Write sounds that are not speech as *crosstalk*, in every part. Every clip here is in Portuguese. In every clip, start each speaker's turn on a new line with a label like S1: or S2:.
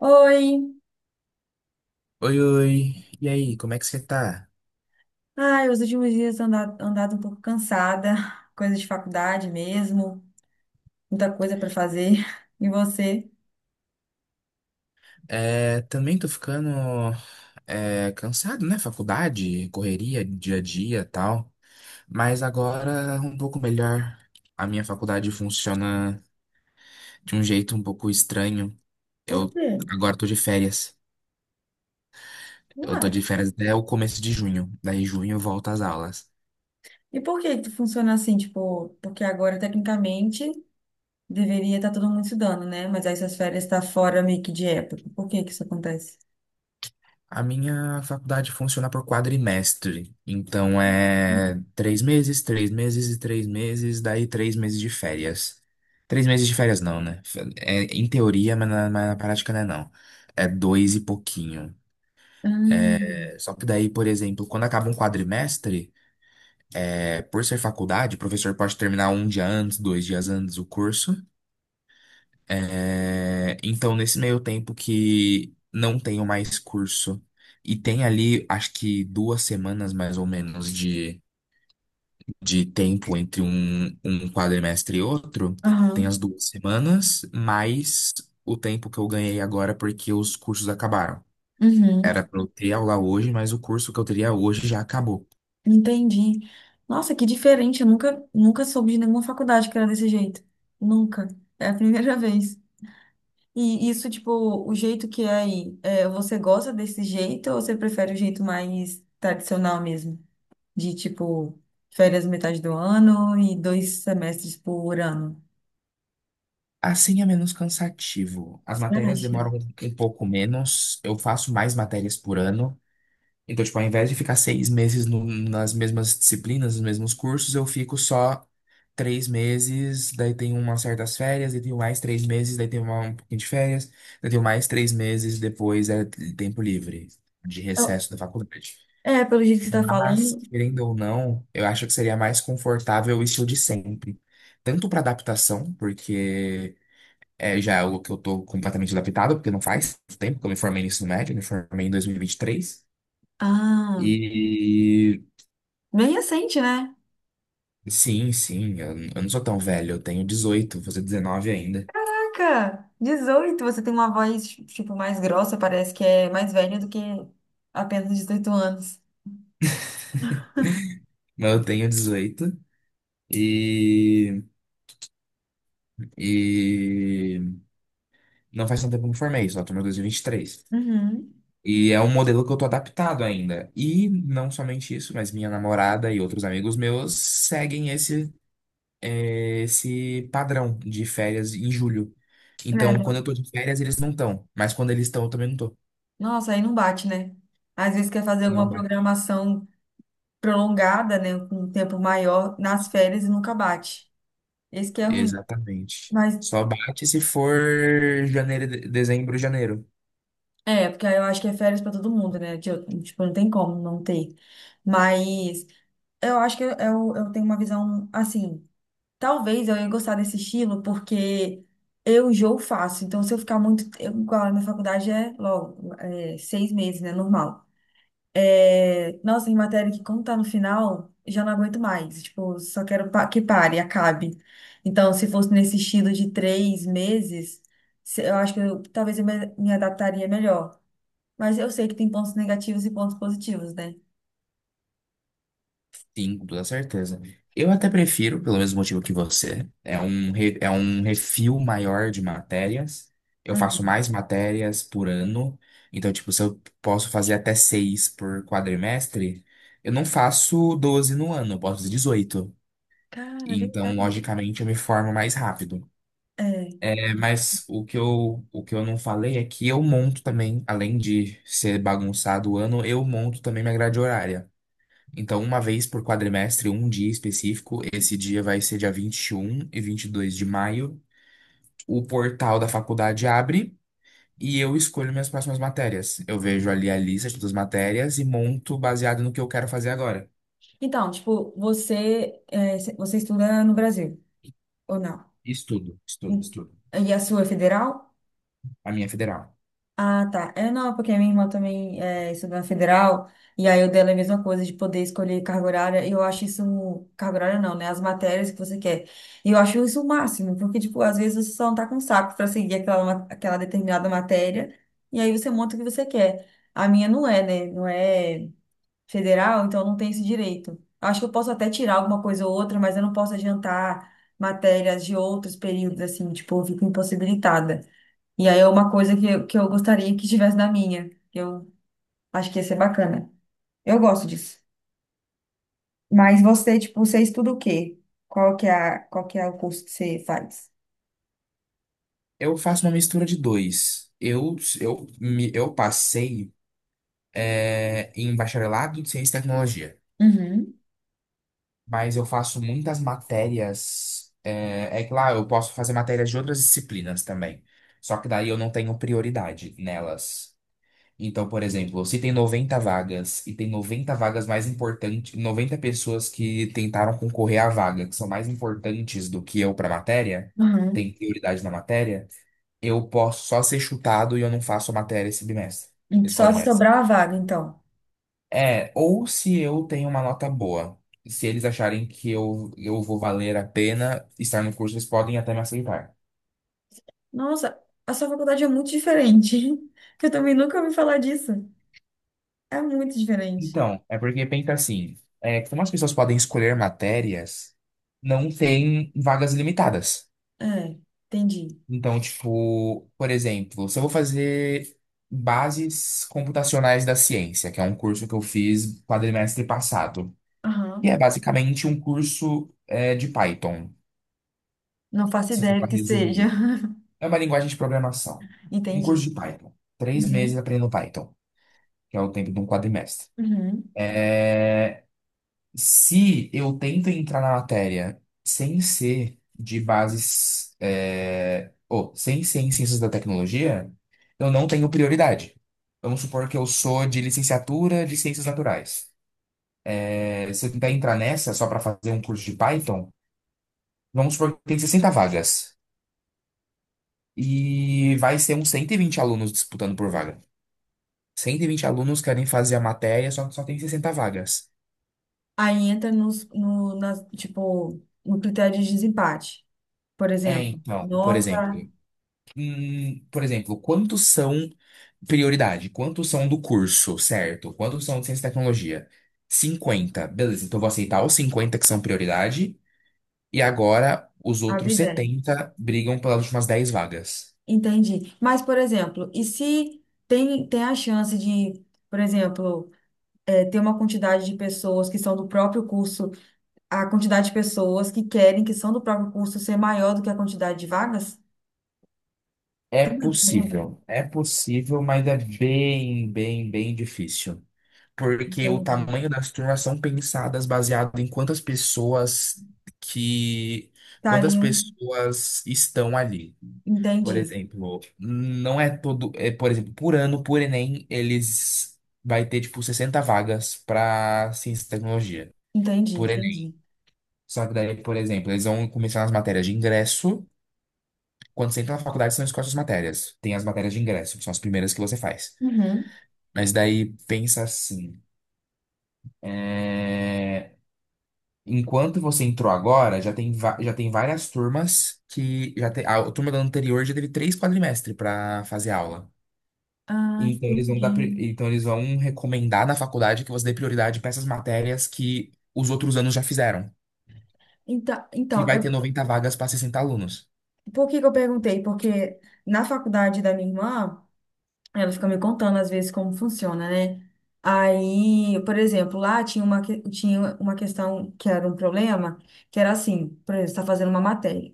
S1: Oi!
S2: Oi, oi. E aí, como é que você tá?
S1: Ai, os últimos dias andado um pouco cansada, *laughs* coisa de faculdade mesmo, muita coisa para fazer. *laughs* E você?
S2: É, também tô ficando cansado, né? Faculdade, correria, dia a dia, e tal. Mas agora um pouco melhor. A minha faculdade funciona de um jeito um pouco estranho.
S1: Por
S2: Eu
S1: quê?
S2: agora tô de férias. Eu tô
S1: Uai.
S2: de férias até o começo de junho. Daí junho volta às aulas.
S1: E por que que funciona assim? Tipo, porque agora, tecnicamente, deveria estar todo mundo estudando, né? Mas aí essas férias estão fora meio que de época. Por que que isso acontece?
S2: A minha faculdade funciona por quadrimestre, então é três meses e três meses, daí três meses de férias. Três meses de férias não, né? É, em teoria, mas na prática não é não. É dois e pouquinho.
S1: Hum.
S2: É, só que daí, por exemplo, quando acaba um quadrimestre, por ser faculdade, o professor pode terminar um dia antes, dois dias antes o curso. É, então, nesse meio tempo que não tenho mais curso e tem ali, acho que duas semanas mais ou menos de tempo entre um quadrimestre e outro, tem
S1: Aham.
S2: as duas semanas, mais o tempo que eu ganhei agora porque os cursos acabaram. Era
S1: Uhum.
S2: para eu ter aula hoje, mas o curso que eu teria hoje já acabou.
S1: Entendi. Nossa, que diferente. Eu nunca, nunca soube de nenhuma faculdade que era desse jeito. Nunca. É a primeira *laughs* vez. E isso, tipo, o jeito que é aí, você gosta desse jeito ou você prefere o jeito mais tradicional mesmo? De, tipo, férias metade do ano e 2 semestres por ano?
S2: Assim é menos cansativo. As
S1: Você
S2: matérias
S1: acha?
S2: demoram um pouco menos, eu faço mais matérias por ano. Então, tipo, ao invés de ficar 6 meses nas mesmas disciplinas, nos mesmos cursos, eu fico só três meses, daí tenho umas certas férias, daí tenho mais três meses, daí tenho um pouquinho de férias, daí tenho mais três meses, depois é tempo livre de
S1: Eu-
S2: recesso da faculdade.
S1: É, pelo jeito que você tá
S2: Mas,
S1: falando.
S2: querendo ou não, eu acho que seria mais confortável o estilo de sempre. Tanto para adaptação, porque já é algo que eu tô completamente adaptado, porque não faz tempo que eu me formei no ensino médio, eu me formei em dois mil e vinte e três.
S1: Ah,
S2: E
S1: bem recente, né?
S2: Sim, sim, eu não sou tão velho, eu tenho 18 vou fazer 19 ainda.
S1: Caraca, 18 você tem uma voz, tipo, mais grossa, parece que é mais velha do que apenas 18 anos.
S2: Mas eu tenho 18 e, e não faz tanto tempo que eu me formei, só tô no 2023. E vinte e três.
S1: Uhum.
S2: E é um modelo que eu tô adaptado ainda. E não somente isso, mas minha namorada e outros amigos meus seguem esse padrão de férias em julho.
S1: É,
S2: Então, quando eu tô de férias, eles não estão. Mas quando eles estão, eu também não tô.
S1: nossa, aí não bate, né? Às vezes quer fazer
S2: Não.
S1: alguma programação prolongada, né, com um tempo maior nas férias e nunca bate. Esse que é ruim.
S2: Exatamente.
S1: Mas
S2: Só bate se for janeiro, dezembro, janeiro.
S1: porque aí eu acho que é férias pra todo mundo, né? Tipo, não tem como não ter. Mas eu acho que eu tenho uma visão assim. Talvez eu ia gostar desse estilo porque eu enjoo fácil. Então, se eu ficar muito. Eu, igual na faculdade é logo, 6 meses, né? Normal. É, nossa, em matéria que quando tá no final, já não aguento mais. Tipo, só quero que pare, acabe. Então, se fosse nesse estilo de 3 meses, eu acho que talvez eu me adaptaria melhor. Mas eu sei que tem pontos negativos e pontos positivos, né?
S2: Sim, com toda certeza. Eu até prefiro, pelo mesmo motivo que você. É um refil maior de matérias. Eu faço
S1: Uhum.
S2: mais matérias por ano. Então, tipo, se eu posso fazer até seis por quadrimestre, eu não faço 12 no ano, eu posso fazer 18.
S1: Cara, é
S2: Então,
S1: verdade.
S2: logicamente, eu me formo mais rápido.
S1: É.
S2: É, mas o que eu não falei é que eu monto também, além de ser bagunçado o ano, eu monto também minha grade horária. Então, uma vez por quadrimestre, um dia específico, esse dia vai ser dia vinte e um e 22 de maio, o portal da faculdade abre e eu escolho minhas próximas matérias. Eu vejo ali a lista de todas as matérias e monto baseado no que eu quero fazer agora.
S1: Então, tipo, você estuda no Brasil, ou não?
S2: Estudo,
S1: E
S2: estudo, estudo.
S1: e a sua é federal?
S2: A minha é federal.
S1: Ah, tá. É, não, porque a minha irmã também estudou na federal, e aí o dela é a mesma coisa de poder escolher carga horária, e eu acho isso, carga horária não, né? As matérias que você quer. E eu acho isso o máximo, porque, tipo, às vezes você só não tá com saco pra seguir aquela determinada matéria, e aí você monta o que você quer. A minha não é, né? Não é federal, então não tem esse direito. Eu acho que eu posso até tirar alguma coisa ou outra, mas eu não posso adiantar matérias de outros períodos, assim, tipo, eu fico impossibilitada. E aí é uma coisa que eu gostaria que tivesse na minha. Eu acho que ia ser bacana. Eu gosto disso. Mas você, tipo, você estuda o quê? Qual que é o curso que você faz?
S2: Eu faço uma mistura de dois. Eu passei. Em bacharelado em ciência e tecnologia.
S1: Uhum,
S2: Mas eu faço muitas matérias. É que lá eu posso fazer matérias de outras disciplinas também. Só que daí eu não tenho prioridade nelas. Então, por exemplo, se tem 90 vagas e tem 90 vagas mais importantes, 90 pessoas que tentaram concorrer à vaga, que são mais importantes do que eu para a matéria,
S1: uhum.
S2: tem prioridade na matéria, eu posso só ser chutado e eu não faço a matéria esse bimestre, esse
S1: Só se
S2: quadrimestre.
S1: sobrar a vaga, então.
S2: É, ou se eu tenho uma nota boa. Se eles acharem que eu vou valer a pena estar no curso, eles podem até me aceitar.
S1: Nossa, a sua faculdade é muito diferente. *laughs* Que eu também nunca ouvi falar disso. É muito diferente.
S2: Então, é porque pensa assim, como as pessoas podem escolher matérias, não tem vagas limitadas.
S1: É, entendi.
S2: Então, tipo, por exemplo, se eu vou fazer Bases Computacionais da Ciência, que é um curso que eu fiz quadrimestre passado, que
S1: Aham.
S2: é basicamente um curso, de Python,
S1: Não faço
S2: se for
S1: ideia do
S2: para
S1: que seja.
S2: resumir. É uma linguagem de programação.
S1: *laughs*
S2: Um curso
S1: Entendi.
S2: de Python. Três meses
S1: Uhum,
S2: aprendendo Python, que é o tempo de um quadrimestre.
S1: uhum.
S2: Se eu tento entrar na matéria sem ser de bases, ou sem ser em ciências da tecnologia, eu não tenho prioridade. Vamos supor que eu sou de licenciatura de ciências naturais. É, se eu tentar entrar nessa só para fazer um curso de Python, vamos supor que tem 60 vagas. E vai ser uns 120 alunos disputando por vaga. 120 alunos querem fazer a matéria, só que só tem 60 vagas.
S1: Aí entra nos, no, nas, tipo, no critério de desempate, por
S2: É,
S1: exemplo,
S2: então, por
S1: nota
S2: exemplo, hum, por exemplo, quantos são prioridade? Quantos são do curso, certo? Quantos são de ciência e tecnologia? 50. Beleza, então eu vou aceitar os 50 que são prioridade e agora os outros
S1: abridão.
S2: 70 brigam pelas últimas 10 vagas.
S1: Entendi. Mas, por exemplo, e se tem, a chance de, por exemplo, ter uma quantidade de pessoas que são do próprio curso, a quantidade de pessoas que querem, que são do próprio curso, ser maior do que a quantidade de vagas? Entendi.
S2: É possível, mas é bem, bem, bem difícil. Porque o
S1: Entendi.
S2: tamanho das turmas são pensadas baseado em que, quantas
S1: Estariam.
S2: pessoas estão ali. Por
S1: Entendi.
S2: exemplo, não é todo, por exemplo, por ano, por Enem, eles vai ter tipo 60 vagas para ciência e tecnologia,
S1: Entendi,
S2: por Enem.
S1: entendi.
S2: Só que daí, por exemplo, eles vão começar nas matérias de ingresso quando você entra na faculdade, você não escolhe as matérias. Tem as matérias de ingresso, que são as primeiras que você faz.
S1: Uhum.
S2: Mas daí, pensa assim. é, Enquanto você entrou agora, já tem várias turmas que já tem. A turma da anterior já teve três quadrimestres para fazer aula.
S1: Ah,
S2: Então eles vão dar, pri-
S1: entendi.
S2: então eles vão recomendar na faculdade que você dê prioridade para essas matérias que os outros anos já fizeram,
S1: Então,
S2: que
S1: então,
S2: vai
S1: é
S2: ter 90 vagas para 60 alunos.
S1: por que que eu perguntei? Porque na faculdade da minha irmã, ela fica me contando às vezes como funciona, né? Aí, por exemplo, lá tinha uma questão que era um problema, que era assim, por exemplo, você está fazendo uma matéria.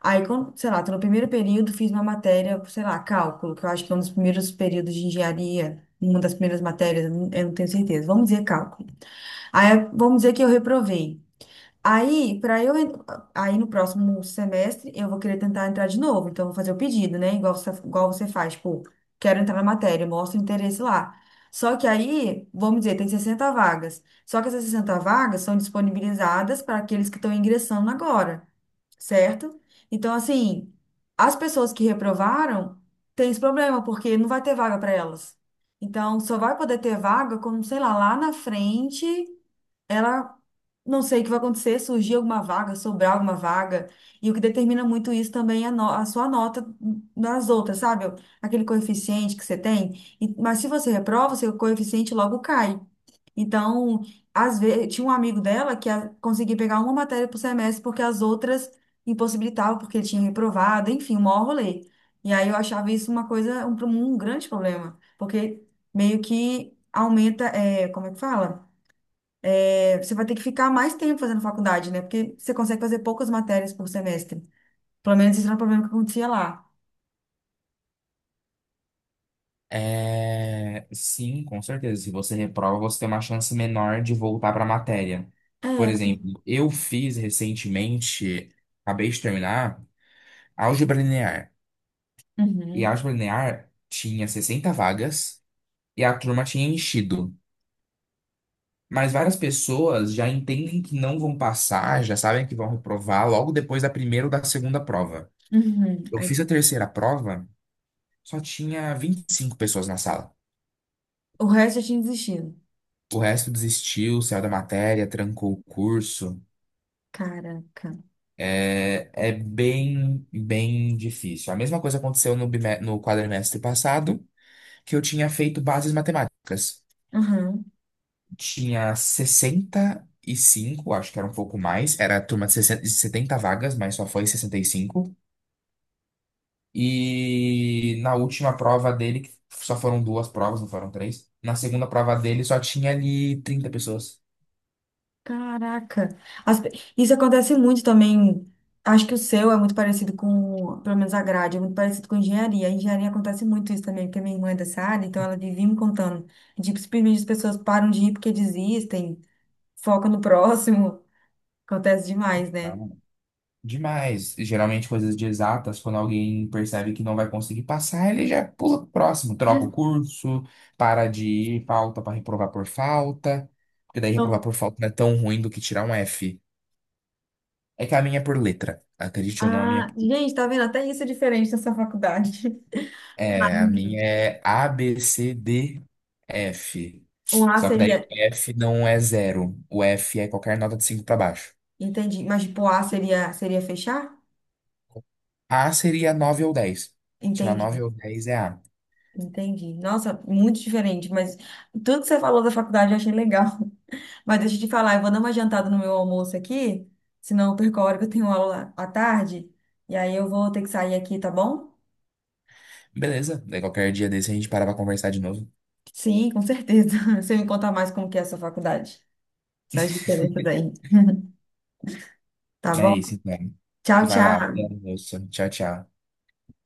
S1: Aí, quando, sei lá, tô no primeiro período, fiz uma matéria, sei lá, cálculo, que eu acho que é um dos primeiros períodos de engenharia, uma das primeiras matérias, eu não tenho certeza. Vamos dizer cálculo. Aí, vamos dizer que eu reprovei. Aí, para eu, en- aí, no próximo semestre eu vou querer tentar entrar de novo, então eu vou fazer o pedido, né? Igual você faz, tipo, quero entrar na matéria, mostra o interesse lá. Só que aí, vamos dizer, tem 60 vagas. Só que essas 60 vagas são disponibilizadas para aqueles que estão ingressando agora, certo? Então, assim, as pessoas que reprovaram têm esse problema, porque não vai ter vaga para elas. Então, só vai poder ter vaga quando, sei lá, lá na frente ela não sei o que vai acontecer, surgir alguma vaga, sobrar alguma vaga, e o que determina muito isso também é a, no- a sua nota das outras, sabe? Aquele coeficiente que você tem. Mas se você reprova, seu coeficiente logo cai. Então, às vezes, tinha um amigo dela que conseguia pegar uma matéria por semestre porque as outras impossibilitavam, porque ele tinha reprovado, enfim, um maior rolê. E aí eu achava isso uma coisa, um grande problema, porque meio que aumenta, como é que fala? Você vai ter que ficar mais tempo fazendo faculdade, né? Porque você consegue fazer poucas matérias por semestre. Pelo menos esse era o problema que acontecia lá.
S2: É, sim, com certeza. Se você reprova, você tem uma chance menor de voltar para a matéria. Por
S1: É, porque.
S2: exemplo, eu fiz recentemente, acabei de terminar, álgebra linear. E a
S1: Uhum,
S2: álgebra linear tinha 60 vagas e a turma tinha enchido. Mas várias pessoas já entendem que não vão passar, já sabem que vão reprovar logo depois da primeira ou da segunda prova.
S1: uhum.
S2: Eu
S1: Aí,
S2: fiz a terceira prova, só tinha 25 pessoas na sala.
S1: o resto eu tinha desistido.
S2: O resto desistiu, saiu da matéria, trancou o curso.
S1: Caraca.
S2: É bem, bem difícil. A mesma coisa aconteceu no quadrimestre passado, que eu tinha feito bases matemáticas.
S1: Uhum.
S2: Tinha 65, acho que era um pouco mais, era a turma de 60 de 70 vagas, mas só foi 65. E na última prova dele, que só foram duas provas, não foram três. Na segunda prova dele só tinha ali 30 pessoas.
S1: Caraca. As pe- Isso acontece muito também. Acho que o seu é muito parecido com, pelo menos a grade, é muito parecido com engenharia. A engenharia acontece muito isso também, porque minha irmã é dessa área, então ela vivia me contando. De que simplesmente as pessoas param de ir porque desistem, focam no próximo. *laughs* Acontece demais, né?
S2: Demais. Geralmente coisas de exatas, quando alguém percebe que não vai conseguir passar, ele já pula pro próximo, troca o curso, para de ir, falta para reprovar por falta. Porque daí reprovar
S1: Não.
S2: por falta não é tão ruim do que tirar um F. É que a minha é por letra. Acredite ou não, a minha
S1: Ah, gente, tá vendo? Até isso é diferente nessa faculdade. *laughs*
S2: é, a minha
S1: Sim.
S2: é A, B, C, D, F.
S1: Um A
S2: Só que daí
S1: seria,
S2: o F não é zero. O F é qualquer nota de 5 para baixo.
S1: entendi, mas tipo, um A seria, fechar?
S2: A seria 9 ou 10. Tirar 9
S1: Entendi,
S2: ou 10 é A.
S1: entendi. Nossa, muito diferente, mas tudo que você falou da faculdade eu achei legal. *laughs* Mas deixa eu te falar, eu vou dar uma jantada no meu almoço aqui, senão eu perco a hora que eu tenho aula à tarde, e aí eu vou ter que sair aqui, tá bom?
S2: Beleza, daí qualquer dia desse a gente para pra conversar de novo.
S1: Sim, com certeza. *laughs* Você me conta mais como que é a sua faculdade, essas diferenças aí, *laughs* tá
S2: É
S1: bom?
S2: isso, então.
S1: Tchau,
S2: Vai lá, até a
S1: tchau.
S2: almoço. Tchau, tchau.